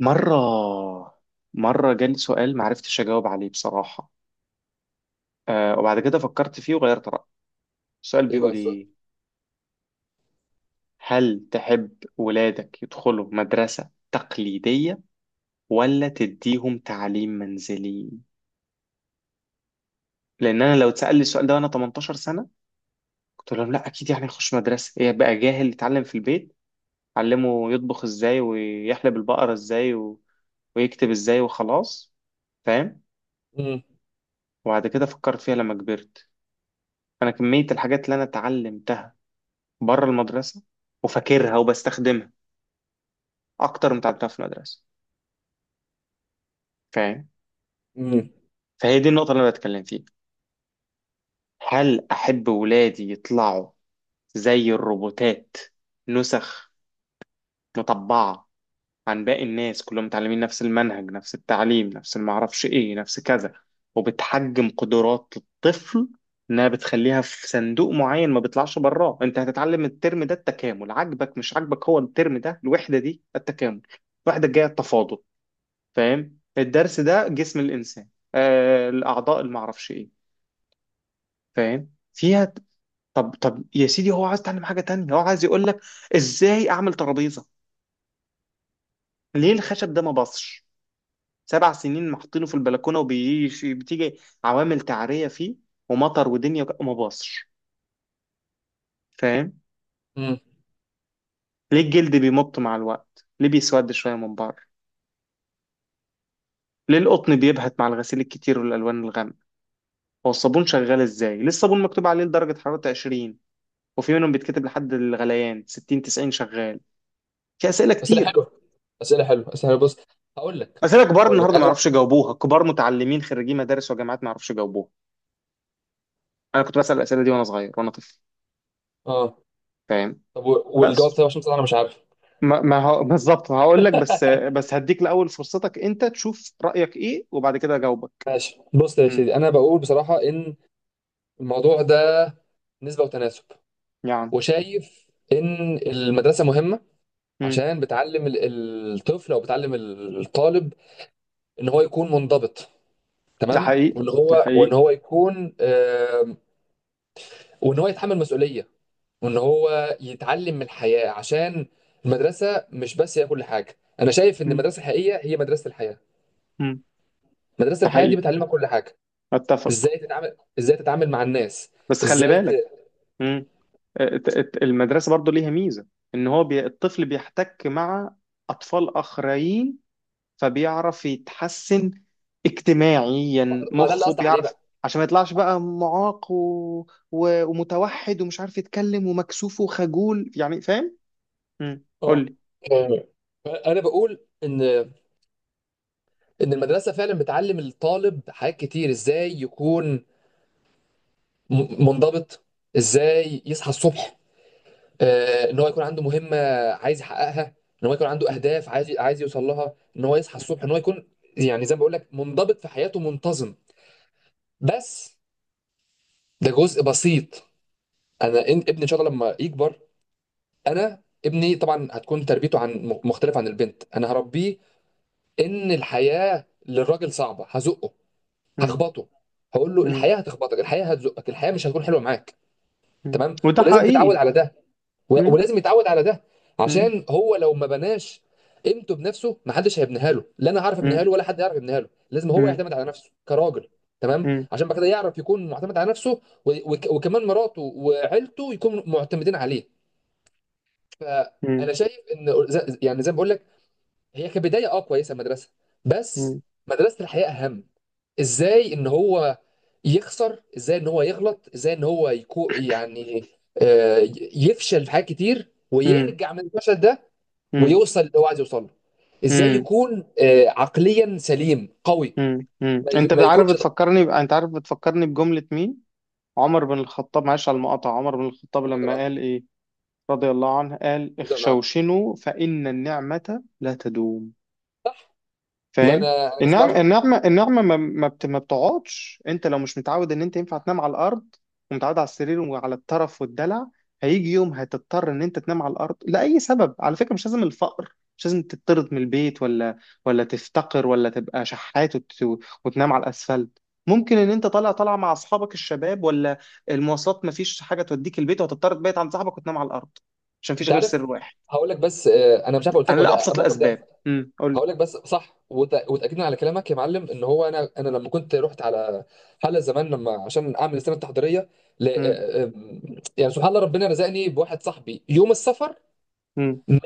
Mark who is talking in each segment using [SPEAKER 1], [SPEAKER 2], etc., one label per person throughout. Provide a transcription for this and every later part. [SPEAKER 1] مرة مرة جالي سؤال معرفتش أجاوب عليه بصراحة. وبعد كده فكرت فيه وغيرت رأيي. السؤال
[SPEAKER 2] ايه بقى
[SPEAKER 1] بيقول
[SPEAKER 2] السؤال؟
[SPEAKER 1] إيه؟ هل تحب ولادك يدخلوا مدرسة تقليدية، ولا تديهم تعليم منزلي؟ لأن أنا لو اتسأل لي السؤال ده وأنا 18 سنة، قلت لهم لا أكيد، يعني هخش مدرسة؟ إيه بقى، جاهل يتعلم في البيت، علمه يطبخ إزاي ويحلب البقرة إزاي ويكتب إزاي وخلاص. فاهم؟
[SPEAKER 2] امم
[SPEAKER 1] وبعد كده فكرت فيها لما كبرت. انا كميه الحاجات اللي انا اتعلم بره المدرسه وفاكرها وبستخدمها اكتر من اتعلمتها في المدرسه. فاهم؟
[SPEAKER 2] امم
[SPEAKER 1] فهي دي النقطه اللي انا بتكلم فيها. هل احب ولادي يطلعوا زي الروبوتات، نسخ، مطبعه، عن باقي الناس، كلهم متعلمين نفس المنهج، نفس التعليم، نفس المعرفش ايه، نفس كذا؟ وبتحجم قدرات الطفل، انها بتخليها في صندوق معين ما بيطلعش براه. انت هتتعلم الترم ده التكامل، عاجبك مش عاجبك، هو الترم ده الوحده دي التكامل، الوحده الجايه التفاضل. فاهم؟ الدرس ده جسم الانسان، الاعضاء اللي معرفش ايه، فاهم فيها. طب طب يا سيدي، هو عايز يتعلم حاجه تانية، هو عايز يقول لك ازاي اعمل ترابيزه، ليه الخشب ده ما باصش، سبع سنين محطينه في البلكونه وبيجي بتيجي عوامل تعريه فيه، ومطر ودنيا وما باصش. فاهم؟
[SPEAKER 2] امم
[SPEAKER 1] ليه الجلد بيمط مع الوقت، ليه بيسود شويه من بره، ليه القطن بيبهت مع الغسيل الكتير والالوان الغامقه، هو الصابون شغال ازاي، ليه الصابون مكتوب عليه لدرجه حراره 20، وفي منهم بيتكتب لحد الغليان 60، 90 شغال. في اسئله
[SPEAKER 2] اسئله
[SPEAKER 1] كتير.
[SPEAKER 2] حلوه، اسئله حلوه، اسئله حلوة. بص، هقول لك
[SPEAKER 1] اسئله كبار
[SPEAKER 2] هقول لك
[SPEAKER 1] النهارده ما
[SPEAKER 2] انا.
[SPEAKER 1] يعرفوش يجاوبوها، كبار متعلمين خريجين مدارس وجامعات ما يعرفوش يجاوبوها. انا كنت بسال الاسئله دي وانا صغير وانا طفل.
[SPEAKER 2] اه،
[SPEAKER 1] فاهم؟
[SPEAKER 2] طب والجواب،
[SPEAKER 1] بس
[SPEAKER 2] طيب عشان بصراحه انا مش عارف.
[SPEAKER 1] ما هو بالظبط هقول لك، بس بس هديك الاول فرصتك انت تشوف رايك ايه وبعد كده اجاوبك.
[SPEAKER 2] ماشي، بص يا
[SPEAKER 1] مم.
[SPEAKER 2] سيدي، انا بقول بصراحه ان الموضوع ده نسبه وتناسب،
[SPEAKER 1] يعني.
[SPEAKER 2] وشايف ان المدرسه مهمه
[SPEAKER 1] مم.
[SPEAKER 2] عشان بتعلم الطفل، او بتعلم الطالب ان هو يكون منضبط
[SPEAKER 1] ده
[SPEAKER 2] تمام،
[SPEAKER 1] حقيقي،
[SPEAKER 2] وان
[SPEAKER 1] ده
[SPEAKER 2] هو وان
[SPEAKER 1] حقيقي.
[SPEAKER 2] هو يكون وان هو يتحمل مسؤوليه، وان هو يتعلم من الحياه، عشان المدرسه مش بس هي كل حاجه. انا شايف ان
[SPEAKER 1] مم.
[SPEAKER 2] المدرسه الحقيقيه هي مدرسه الحياه.
[SPEAKER 1] مم.
[SPEAKER 2] مدرسه
[SPEAKER 1] ده
[SPEAKER 2] الحياه دي
[SPEAKER 1] حقيقي،
[SPEAKER 2] بتعلمك كل حاجه،
[SPEAKER 1] اتفق.
[SPEAKER 2] ازاي تتعامل مع الناس،
[SPEAKER 1] بس خلي
[SPEAKER 2] ازاي ت...
[SPEAKER 1] بالك، المدرسة برضو ليها ميزة، الطفل بيحتك مع اطفال اخرين، فبيعرف يتحسن اجتماعيا،
[SPEAKER 2] ما ده اللي
[SPEAKER 1] مخه
[SPEAKER 2] قصدي عليه
[SPEAKER 1] بيعرف،
[SPEAKER 2] بقى.
[SPEAKER 1] عشان ما يطلعش بقى معاق ومتوحد، ومش عارف يتكلم، ومكسوف وخجول، يعني فاهم؟ قول
[SPEAKER 2] اه،
[SPEAKER 1] لي.
[SPEAKER 2] آه. انا بقول ان المدرسه فعلا بتعلم الطالب حاجات كتير، ازاي يكون منضبط، ازاي يصحى الصبح، ان هو يكون عنده مهمه عايز يحققها، ان هو يكون عنده
[SPEAKER 1] مم.
[SPEAKER 2] اهداف عايز يوصل لها، ان هو يصحى
[SPEAKER 1] مم.
[SPEAKER 2] الصبح، ان هو يكون يعني زي ما بقول لك منضبط في حياته، منتظم. بس ده جزء بسيط. انا ابني ان شاء الله لما يكبر، انا ابني طبعا هتكون تربيته مختلفه عن البنت. انا هربيه ان الحياه للراجل صعبه، هزقه،
[SPEAKER 1] مم.
[SPEAKER 2] هخبطه، هقول له
[SPEAKER 1] مم.
[SPEAKER 2] الحياه هتخبطك، الحياه هتزقك، الحياه مش هتكون حلوه معاك.
[SPEAKER 1] مم.
[SPEAKER 2] تمام،
[SPEAKER 1] وده
[SPEAKER 2] ولازم تتعود
[SPEAKER 1] حقيقي.
[SPEAKER 2] على ده،
[SPEAKER 1] مم.
[SPEAKER 2] ولازم يتعود على ده،
[SPEAKER 1] مم.
[SPEAKER 2] عشان هو لو ما بناش قيمته بنفسه ما حدش هيبنيها له، لا انا هعرف ابنيها
[SPEAKER 1] مم.
[SPEAKER 2] له ولا حد يعرف يبنيها له، لازم هو
[SPEAKER 1] مم.
[SPEAKER 2] يعتمد على نفسه كراجل. تمام،
[SPEAKER 1] مم.
[SPEAKER 2] عشان بعد كده يعرف يكون معتمد على نفسه، وكمان مراته وعيلته يكونوا معتمدين عليه.
[SPEAKER 1] مم.
[SPEAKER 2] فانا شايف ان يعني زي ما بقول لك، هي كبدايه كويسه المدرسه، بس
[SPEAKER 1] مم.
[SPEAKER 2] مدرسه الحياه اهم. ازاي ان هو يخسر، ازاي ان هو يغلط، ازاي ان هو يعني، آه، يفشل في حاجات كتير ويرجع من الفشل ده،
[SPEAKER 1] مم.
[SPEAKER 2] ويوصل اللي هو عايز يوصل له. ازاي
[SPEAKER 1] مم.
[SPEAKER 2] يكون عقليا سليم قوي،
[SPEAKER 1] انت
[SPEAKER 2] ما
[SPEAKER 1] عارف
[SPEAKER 2] يكونش ضعيف.
[SPEAKER 1] انت عارف بتفكرني بجملة مين؟ عمر بن الخطاب، معلش على المقاطعة، عمر بن الخطاب لما
[SPEAKER 2] ضعيف-
[SPEAKER 1] قال ايه رضي الله عنه، قال:
[SPEAKER 2] ضعيف.
[SPEAKER 1] اخشوشنوا فإن النعمة لا تدوم.
[SPEAKER 2] والله
[SPEAKER 1] فاهم؟
[SPEAKER 2] انا جسمي
[SPEAKER 1] النعمة،
[SPEAKER 2] اشعر.
[SPEAKER 1] النعمة، النعمة ما بتقعدش. انت لو مش متعود ان انت ينفع تنام على الارض، ومتعود على السرير وعلى الطرف والدلع، هيجي يوم هتضطر ان انت تنام على الارض لأي سبب. على فكرة مش لازم الفقر، مش لازم تطرد من البيت، ولا ولا تفتقر ولا تبقى شحات وتنام على الاسفلت. ممكن ان انت طالع مع اصحابك الشباب، ولا المواصلات مفيش حاجة توديك البيت، وهتضطر تبيت عند صاحبك وتنام على الارض، عشان مفيش
[SPEAKER 2] انت
[SPEAKER 1] غير سر
[SPEAKER 2] عارف،
[SPEAKER 1] واحد،
[SPEAKER 2] هقول لك بس، انا مش عارف قلت لك
[SPEAKER 1] على
[SPEAKER 2] ولا لا
[SPEAKER 1] ابسط
[SPEAKER 2] الموقف ده.
[SPEAKER 1] الاسباب. قول.
[SPEAKER 2] هقول لك بس صح، وتاكيدا على كلامك يا معلم، ان هو انا لما كنت رحت على حلقه زمان، لما عشان اعمل السنه التحضيريه ل... آه، آه، يعني سبحان الله ربنا رزقني بواحد صاحبي يوم السفر
[SPEAKER 1] امم،
[SPEAKER 2] من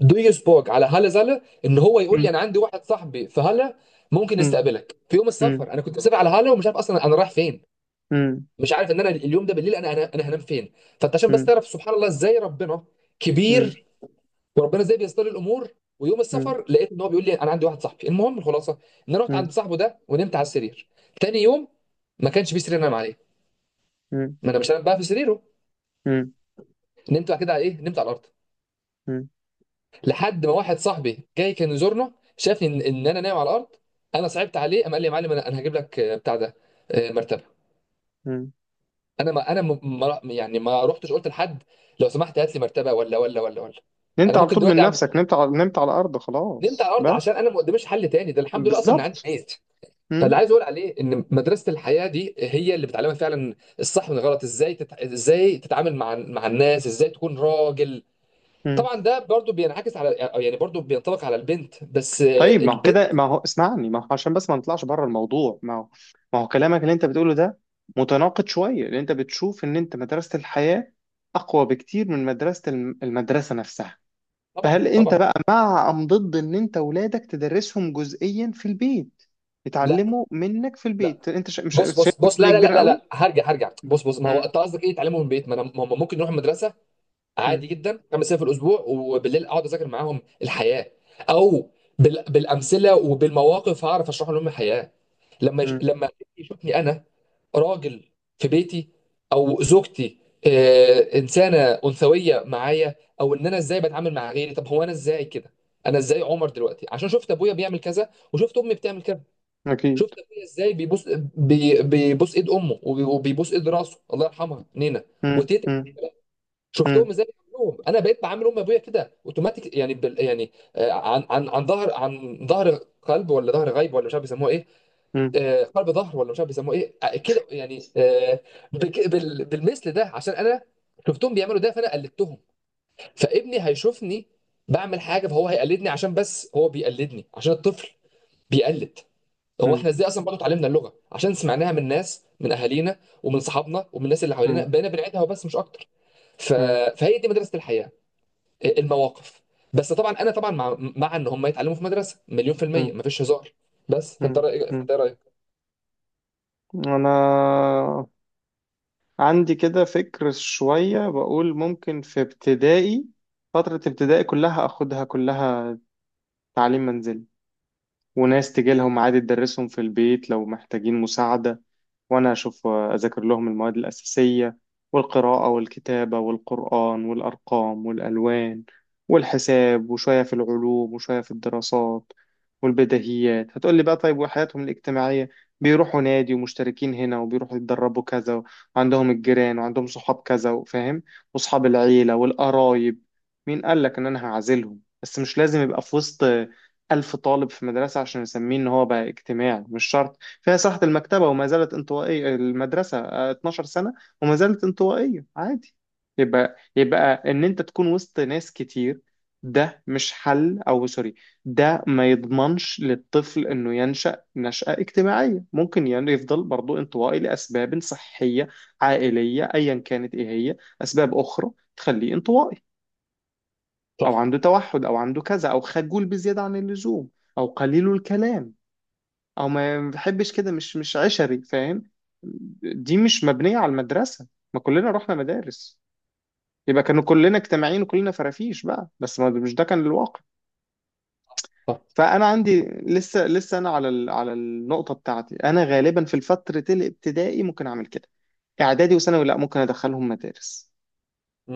[SPEAKER 2] دويسبورج على هالا زالا، ان هو يقول لي انا عندي واحد صاحبي في هالا، ممكن
[SPEAKER 1] امم.
[SPEAKER 2] يستقبلك في يوم
[SPEAKER 1] مم.
[SPEAKER 2] السفر. انا كنت مسافر على هالا، ومش عارف اصلا انا رايح فين،
[SPEAKER 1] مم.
[SPEAKER 2] مش عارف ان انا اليوم ده بالليل، أنا هنام فين. فانت عشان بس
[SPEAKER 1] مم.
[SPEAKER 2] تعرف سبحان الله ازاي ربنا
[SPEAKER 1] مم.
[SPEAKER 2] كبير، وربنا ازاي بيستر الامور. ويوم
[SPEAKER 1] مم.
[SPEAKER 2] السفر لقيت ان هو بيقول لي انا عندي واحد صاحبي، المهم الخلاصه، ان انا رحت
[SPEAKER 1] مم.
[SPEAKER 2] عند صاحبه ده ونمت على السرير. تاني يوم ما كانش فيه سرير انام عليه،
[SPEAKER 1] مم.
[SPEAKER 2] ما انا مش هنام بقى في سريره،
[SPEAKER 1] مم.
[SPEAKER 2] نمت بعد كده على ايه، نمت على الارض.
[SPEAKER 1] مم.
[SPEAKER 2] لحد ما واحد صاحبي جاي كان يزورنا، شافني ان انا نايم على الارض، انا صعبت عليه، قام قال لي يا معلم، انا هجيب لك بتاع ده، مرتبه.
[SPEAKER 1] مم.
[SPEAKER 2] انا ما انا ما يعني ما رحتش قلت لحد، لو سمحت هات لي مرتبه، ولا ولا ولا ولا
[SPEAKER 1] نمت
[SPEAKER 2] انا
[SPEAKER 1] على
[SPEAKER 2] ممكن
[SPEAKER 1] طول من
[SPEAKER 2] دلوقتي اعمل،
[SPEAKER 1] نفسك، نمت على الارض
[SPEAKER 2] نمت على
[SPEAKER 1] خلاص
[SPEAKER 2] الارض
[SPEAKER 1] بس.
[SPEAKER 2] عشان انا ما قداميش حل تاني. ده الحمد لله اصلا ان عندي
[SPEAKER 1] بالظبط.
[SPEAKER 2] ميز. فاللي
[SPEAKER 1] مم.
[SPEAKER 2] عايز اقول عليه ان مدرسه الحياه دي هي اللي بتعلمك فعلا الصح من الغلط، ازاي ازاي تتعامل مع الناس، ازاي تكون راجل.
[SPEAKER 1] مم.
[SPEAKER 2] طبعا ده برضو بينعكس على، يعني برضو بينطبق على البنت، بس
[SPEAKER 1] طيب ما هو
[SPEAKER 2] البنت
[SPEAKER 1] كده، ما هو عشان بس ما نطلعش بره الموضوع، ما هو كلامك اللي انت بتقوله ده متناقض شويه، لان انت بتشوف ان انت مدرسه الحياه اقوى بكتير من مدرسه المدرسه نفسها.
[SPEAKER 2] طبعا
[SPEAKER 1] فهل انت
[SPEAKER 2] طبعا.
[SPEAKER 1] بقى مع ام ضد ان انت ولادك تدرسهم جزئيا في البيت،
[SPEAKER 2] لا
[SPEAKER 1] يتعلموا منك في
[SPEAKER 2] لا،
[SPEAKER 1] البيت؟ انت مش شايف
[SPEAKER 2] بص بص بص،
[SPEAKER 1] مسؤوليه
[SPEAKER 2] لا لا لا
[SPEAKER 1] كبيره
[SPEAKER 2] لا
[SPEAKER 1] قوي؟
[SPEAKER 2] لا، هرجع هرجع،
[SPEAKER 1] مم.
[SPEAKER 2] بص بص، ما هو
[SPEAKER 1] مم.
[SPEAKER 2] انت قصدك ايه تعلمه من البيت؟ ما انا ما هم ممكن نروح المدرسه
[SPEAKER 1] مم.
[SPEAKER 2] عادي جدا خمس ايام في الاسبوع، وبالليل اقعد اذاكر معاهم الحياه، او بالامثله وبالمواقف هعرف اشرح لهم الحياه،
[SPEAKER 1] مم.
[SPEAKER 2] لما يشوفني انا راجل في بيتي، او زوجتي انسانه انثويه معايا، او ان انا ازاي بتعامل مع غيري. طب هو انا ازاي كده؟ انا ازاي عمر دلوقتي؟ عشان شفت ابويا بيعمل كذا، وشفت امي بتعمل كذا.
[SPEAKER 1] اكيد.
[SPEAKER 2] شفت ابويا ازاي بيبوس ايد امه، وبيبوس ايد راسه الله يرحمها نينا
[SPEAKER 1] مم.
[SPEAKER 2] وتيتا.
[SPEAKER 1] مم. مم.
[SPEAKER 2] شفتهم ازاي بيعملوهم، انا بقيت بعامل ام ابويا كده اوتوماتيك، يعني بال يعني عن ظهر، عن ظهر قلب، ولا ظهر غيب، ولا مش عارف بيسموه ايه،
[SPEAKER 1] مم.
[SPEAKER 2] قلب ظهر، ولا مش عارف بيسموه ايه، كده يعني، بالمثل ده، عشان انا شفتهم بيعملوا ده فانا قلدتهم. فابني هيشوفني بعمل حاجه فهو هيقلدني، عشان بس هو بيقلدني عشان الطفل بيقلد. هو
[SPEAKER 1] مم.
[SPEAKER 2] احنا ازاي اصلا برضه اتعلمنا اللغه؟ عشان سمعناها من ناس، من اهالينا ومن صحابنا ومن الناس اللي حوالينا،
[SPEAKER 1] مم.
[SPEAKER 2] بقينا بنعيدها وبس مش اكتر. ف...
[SPEAKER 1] مم.
[SPEAKER 2] فهي دي مدرسه الحياه، المواقف. بس طبعا انا طبعا مع ان هم يتعلموا في مدرسه، مليون في الميه
[SPEAKER 1] مم.
[SPEAKER 2] مفيش هزار. بس
[SPEAKER 1] مم. مم.
[SPEAKER 2] فانت إيه رايك؟
[SPEAKER 1] انا عندي كده فكر شويه، بقول ممكن في ابتدائي، فتره ابتدائي كلها اخدها كلها تعليم منزلي، وناس تجي لهم عادي تدرسهم في البيت لو محتاجين مساعدة، وأنا أشوف أذاكر لهم المواد الأساسية، والقراءة والكتابة والقرآن والأرقام والألوان والحساب، وشوية في العلوم وشوية في الدراسات والبديهيات. هتقولي بقى طيب وحياتهم الاجتماعية؟ بيروحوا نادي، ومشتركين هنا، وبيروحوا يتدربوا كذا، وعندهم الجيران وعندهم صحاب كذا، فاهم؟ وصحاب العيلة والقرايب. مين قالك إن أنا هعزلهم؟ بس مش لازم يبقى في وسط ألف طالب في مدرسة عشان نسميه إن هو بقى اجتماعي، مش شرط. فيها صحة المكتبة وما زالت انطوائية المدرسة، 12 سنة وما زالت انطوائية، عادي. يبقى إن أنت تكون وسط ناس كتير ده مش حل، أو سوري ده ما يضمنش للطفل إنه ينشأ نشأة اجتماعية. ممكن يعني يفضل برضو انطوائي لأسباب صحية، عائلية، أيا كانت إيه هي أسباب أخرى تخليه انطوائي، أو
[SPEAKER 2] صح،
[SPEAKER 1] عنده توحد، أو عنده كذا، أو خجول بزيادة عن اللزوم، أو قليل الكلام، أو ما بيحبش كده، مش عشري. فاهم؟ دي مش مبنية على المدرسة. ما كلنا رحنا مدارس، يبقى كانوا كلنا اجتماعيين وكلنا فرافيش بقى؟ بس ما مش ده كان الواقع.
[SPEAKER 2] صح.
[SPEAKER 1] فأنا عندي لسه أنا على على النقطة بتاعتي. أنا غالبا في الفترة الابتدائي ممكن أعمل كده، إعدادي وثانوي لا، ممكن أدخلهم مدارس.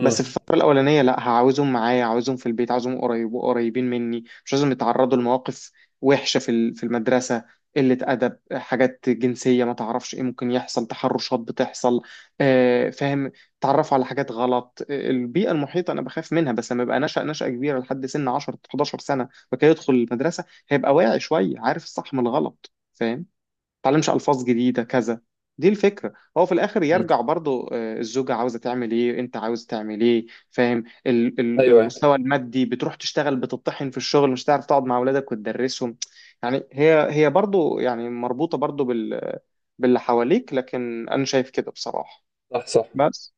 [SPEAKER 1] بس في الفترة الأولانية لا، هعاوزهم معايا، عاوزهم في البيت، عاوزهم قريبين مني، مش لازم يتعرضوا لمواقف وحشة في في المدرسة، قلة أدب، حاجات جنسية، ما تعرفش إيه ممكن يحصل، تحرشات بتحصل. آه فاهم. تعرفوا على حاجات غلط، البيئة المحيطة أنا بخاف منها. بس لما يبقى نشأ نشأة كبيرة لحد سن 10 11 سنة وكده، يدخل المدرسة هيبقى واعي شوية، عارف الصح من الغلط. فاهم؟ تعلمش الفاظ جديده كذا. دي الفكره. هو في الاخر
[SPEAKER 2] أمم.
[SPEAKER 1] يرجع برضو، الزوجه عاوزه تعمل ايه، انت عاوز تعمل ايه، فاهم؟
[SPEAKER 2] ايوه، أيوة.
[SPEAKER 1] المستوى المادي، بتروح تشتغل بتطحن في الشغل، مش تعرف تقعد مع اولادك وتدرسهم. يعني هي برضو، يعني مربوطه برضو باللي حواليك. لكن انا شايف كده بصراحه.
[SPEAKER 2] صح، صح،
[SPEAKER 1] بس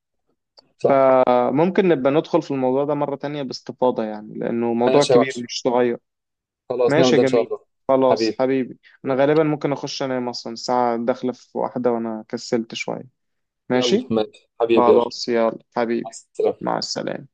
[SPEAKER 2] صح.
[SPEAKER 1] ممكن نبقى ندخل في الموضوع ده مره تانية باستفاضه، يعني لانه موضوع
[SPEAKER 2] ماشي يا
[SPEAKER 1] كبير
[SPEAKER 2] وحش،
[SPEAKER 1] مش صغير.
[SPEAKER 2] خلاص نعمل
[SPEAKER 1] ماشي يا
[SPEAKER 2] ده ان شاء
[SPEAKER 1] جميل،
[SPEAKER 2] الله.
[SPEAKER 1] خلاص
[SPEAKER 2] حبيبي،
[SPEAKER 1] حبيبي. انا غالبا ممكن اخش انام، اصلا الساعة داخلة في واحدة وانا كسلت شوية.
[SPEAKER 2] يلا،
[SPEAKER 1] ماشي،
[SPEAKER 2] ماشي حبيبي، يلا.
[SPEAKER 1] خلاص يلا
[SPEAKER 2] مع
[SPEAKER 1] حبيبي،
[SPEAKER 2] السلامه.
[SPEAKER 1] مع السلامة.